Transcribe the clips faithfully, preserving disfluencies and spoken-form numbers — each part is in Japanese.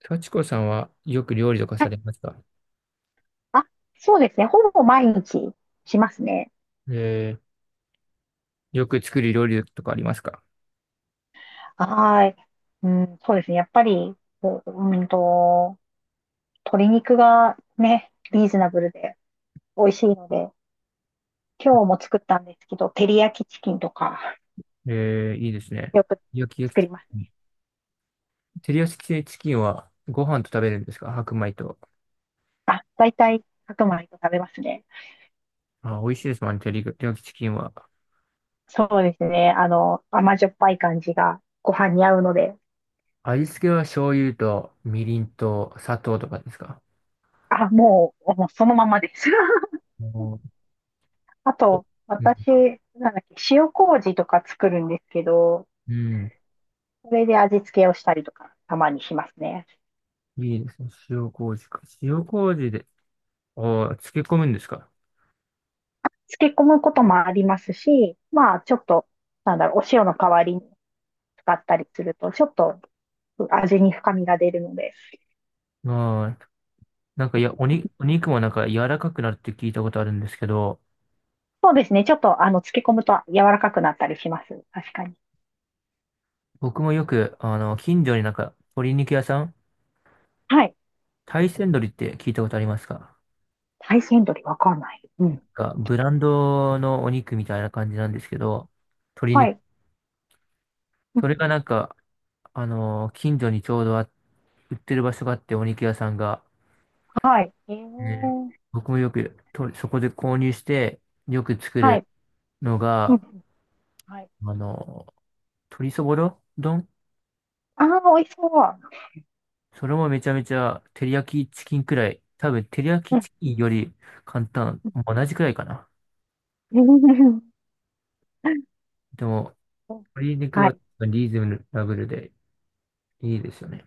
幸子さんはよく料理とかはさい。れますか？あ、そうですね。ほぼ毎日しますね。えー、よく作る料理とかありますか？はい。うん、そうですね。やっぱり、こううんと、鶏肉がね、リーズナブルで美味しいので、今日も作ったんですけど、照り焼きチキンとか、えー、いいですね。よく焼き焼作き、りますね。照り焼きチキンはご飯と食べるんですか？白米と。あ、大体白米と食べますね。あ、美味しいですもんね、照り焼きチキンは。そうですね。あの、甘じょっぱい感じがご飯に合うので、味付けは醤油とみりんと砂糖とかですか？あ、もう、もうそのままです。おー。あと、うん。私、なんだっけ、塩麹とか作るんですけど、うん。それで味付けをしたりとか、たまにしますね。いいですね。塩麹か。塩麹で、ああ、漬け込むんですか。漬け込むこともありますし、まあ、ちょっと、なんだろう、お塩の代わりに使ったりすると、ちょっと味に深みが出るので。ああ、なんか、いや、おに、お肉もなんか柔らかくなるって聞いたことあるんですけど、そうですね。ちょっと、あの、漬け込むと柔らかくなったりします。確かに。僕もよく、あの、近所になんか、鶏肉屋さん、はい。大山鶏って聞いたことありますか？大山鶏わかんない。うなんん。か、ブランドのお肉みたいな感じなんですけど、鶏は肉、い。うそんれうがん。なんか、あの、近所にちょうどあ、売ってる場所があって、お肉屋さんが、はい。えね、ー、僕もよくと、そこで購入して、よく作はるい。のうんうが、ん。はい。あの、鶏そぼろ丼。ああ、美味しそう。それもめちゃめちゃ、照り焼きチキンくらい。多分、照り焼うきんチキンより簡単。同じくらいかな。うん。 でも、鶏肉ははい。リーズナブルでいいですよね。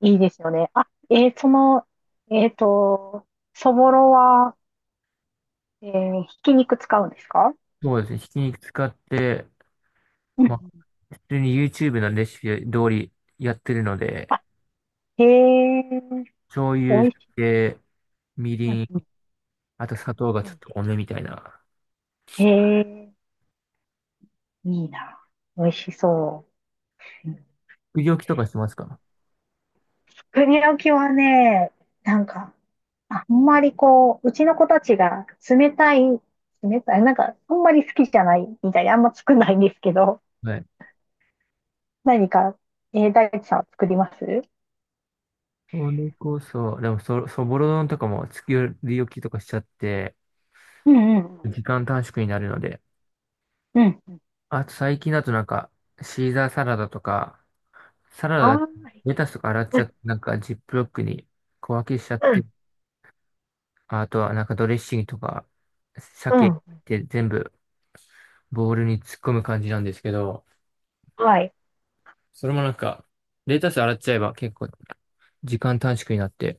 いいですよね。あ、えーその、えっと、そぼろは、えーひき肉使うんですか？そうですね。ひき肉使って、うまあ、ん。普通に YouTube のレシピ通りやってるので、あ、へえ、醤美油、味しい。で、みうりん、んあと砂糖がうちょっん。と多めみたいな。へえ、いいな。美味しそう。うん。作り置きとかしますか？作りきはね、なんか、あんまりこう、うちの子たちが冷たい、冷たい、なんか、あんまり好きじゃないみたいで、あんま作んないんですけど、はい。何か、えー、大地さんは作ります？それこそ、でもそ、そぼろ丼とかも作り置きとかしちゃって、うんうん。時間短縮になるので。うん。あと最近だとなんか、シーザーサラダとか、サラあダだ、あん。レタスとか洗っちゃうって、なんかジップロックに小分けしちゃって、んあとはなんかドレッシングとか、う鮭っん、て全部ボウルに突っ込む感じなんですけど、はい。それもなんか、レタス洗っちゃえば結構時間短縮になって、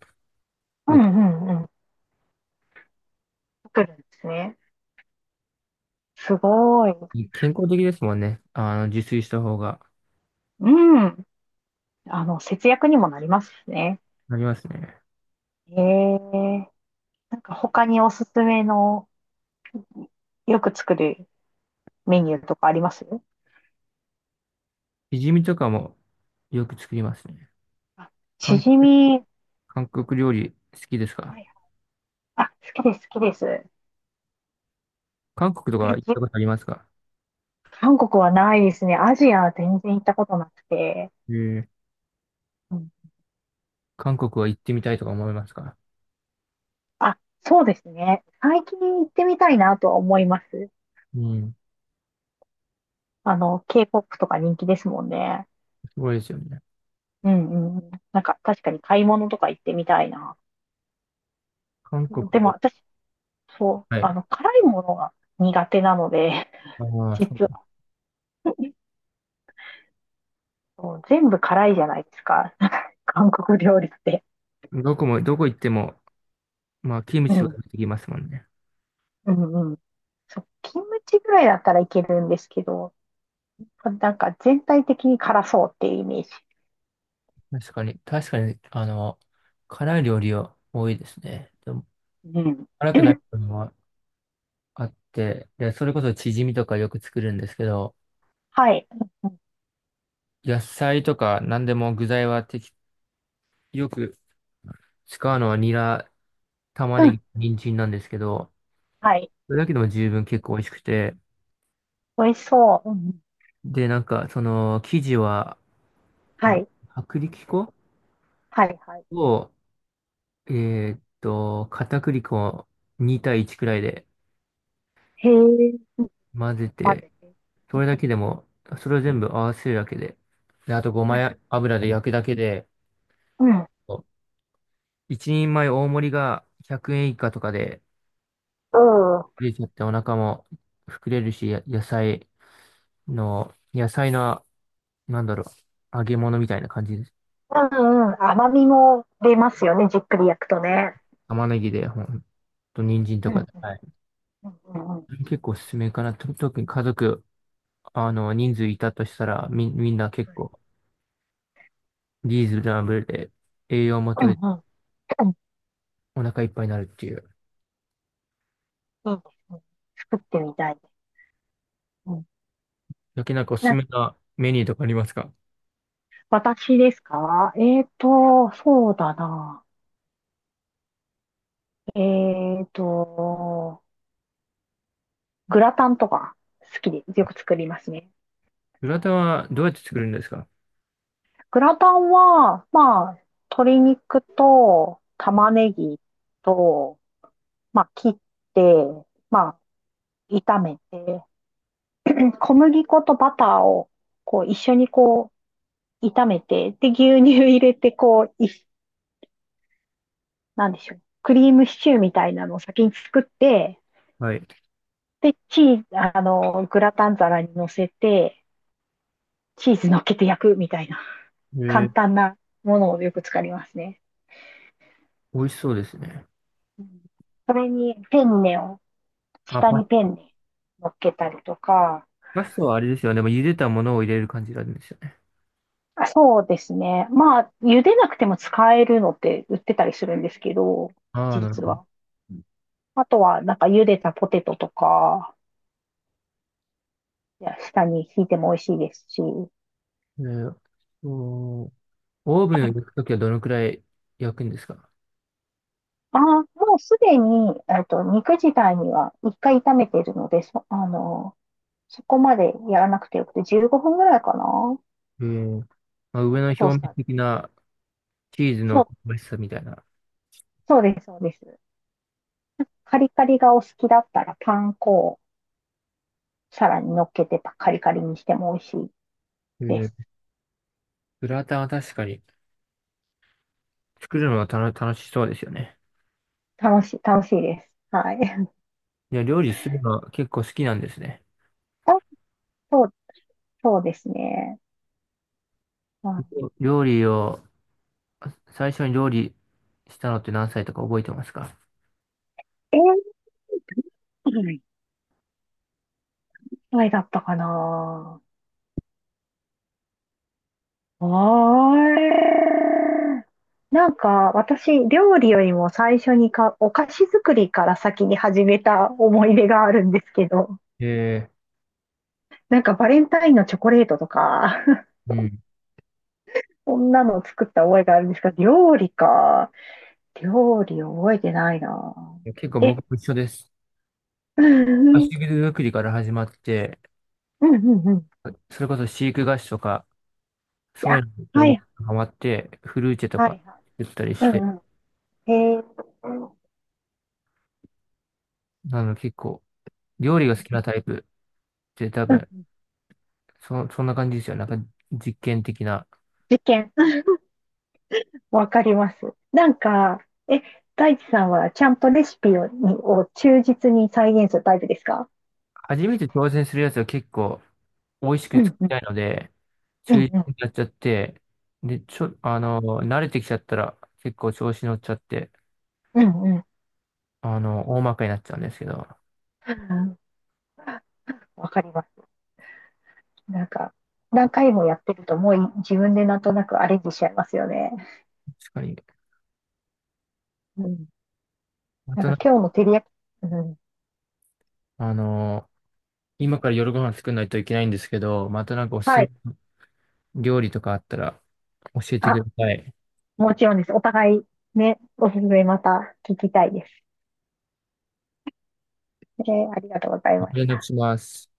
うよく、んうんうん。作るんですね。すごい。健康的ですもんね。あの、自炊した方が、うん。あの、節約にもなりますしね。なりますね。ええ。なんか他におすすめのよく作るメニューとかあります？しじみとかもよく作りますね。あ、し韓、じみ。韓国料理好きですはか？い。あ、好きです、好きです。え、韓国とか行ったじことありますか？韓国はないですね。アジアは全然行ったことなくて。えー、うん、韓国は行ってみたいとか思いますか？あ、そうですね。最近行ってみたいなとは思います。うん、あの、K-ケーポップ とか人気ですもんね。すごいですよね。うんうん。なんか確かに買い物とか行ってみたいな。韓そう国でもを、私、そう、はあい。の、辛いものが苦手なので、あ あ、そ実は、そう全部辛いじゃないですか。韓国料理って。う。どこも、どこ行っても、まあ、キムうチとかん。出てきますもんね。うんうん。そう、キムチぐらいだったらいけるんですけど、なんか全体的に辛そうっていうイメージ。確かに、確かに、あの、辛い料理は多いですね。でも、うん。辛くない ものはあって、で、それこそチヂミとかよく作るんですけど、はい。野菜とか何でも具材は適、よく使うのはニラ、玉うねん。ぎ、人参なんですけど、はい。それだけでも十分結構美味しくて、美味しそう。うんうん。で、なんか、その、生地は、はあ、い。薄力粉はいはい。を、えーっと、片栗粉に対いちくらいでへえ。混ぜ混て、ぜて。うそん。れだけでも、それを全部合わせるだけで、で、あとごうまん。や油で焼くだけで、う一人前大盛りがひゃくえん以下とかでん。うん出ちゃってお腹も膨れるし、や野菜の、野菜の、なんだろう、揚げ物みたいな感じです。うんうん。甘みも出ますよね。じっくり焼くとね。玉ねぎで、ほんと、人参とうかん。で。はい、うんうんうん。結構おすすめかな。と特に家族、あの、人数いたとしたら、み、みんな結構リーズナブルで栄養もう取んれ、うん。うお腹いっぱいになるっていう。ん。いいですね。作ってみたいです。うん。だけなんかおすすな、めなメニューとかありますか？私ですか？えっと、そうだな。えっと、グラタンとか好きでよく作りますね。グラタンはどうやって作るんですか？グラタンは、まあ、鶏肉と玉ねぎと、まあ、切って、まあ、炒めて、小麦粉とバターをこう一緒にこう炒めて、で、牛乳入れて、こう、い、なんでしょう。クリームシチューみたいなのを先に作って、はい。で、チーズ、あの、グラタン皿に乗せて、チーズ乗っけて焼くみたいな、え簡ー、単なものをよく使いますね。美味しそうですね。うん。それにペンネを、あ、下パ、にペンネ乗っけたりとか、パスタはあれですよね。でも茹でたものを入れる感じなんですよ。あ、そうですね。まあ、茹でなくても使えるのって売ってたりするんですけど、ああ、なる実ほど。は。あとは、なんか茹でたポテトとか、いや、下に引いても美味しいですし、えーとオーブンを焼くときはどのくらい焼くんですか？ああ、もうすでに、えっと、肉自体にはいっかい炒めてるので、そ、あの、そこまでやらなくてよくて、じゅうごふんぐらいかな。えー、まあ、上の表トース面ターで。的なチーズそのう、香ばしさみたいな。そうです、そうです。カリカリがお好きだったら、パン粉をさらに乗っけてカリカリにしても美味しいえでー、す。グラタンは確かに作るのはたの楽しそうですよね。楽しい、楽しいです。はい。いや、料理するのは結構好きなんですね。あ、そうそうですね。うい料理を、最初に料理したのって何歳とか覚えてますか？えー、いくらぐらいだったかな。あれ。なんか、私、料理よりも最初にか、お菓子作りから先に始めた思い出があるんですけど、えなんかバレンタインのチョコレートとか、ー、うん。いそんなのを作った覚えがあるんですが、料理か。料理覚えてないな。や結構僕え、も一緒です。うん菓うん子作りから始まって、うんうんうん。それこそ飼育菓子とか、そういあ、うの子は供いがハマって、フルーチェとはかいはい。言ったりしうて、んうん。へえ。うんあの、結構、料理が好きなタイプって多う分、ん。そ、そんな感じですよ。なんか、実験的な。実験。わかります。なんか、え、大地さんはちゃんとレシピを、にを忠実に再現するタイプですか？初めて挑戦するやつは結構、美味しくう作んうりん、たいので、う中ん心うん。になっちゃって、で、ちょ、あはい。の、慣れてきちゃったら、結構調子乗っちゃって、うんうん。あの、大まかになっちゃうんですけど、確うん。わかります。なんか、何回もやってるともうい自分でなんとなくアレンジしちゃいますよね。かに。うん。まなんたなかんか、今日の照り焼き、うん。あの、今から夜ご飯作んないといけないんですけど、またなんかおすすはめい。の料理とかあったら、教えてくあ、ださい。もちろんです。お互いね、おすすめまた聞きたいです。えーありがとうございまし連絡た。します。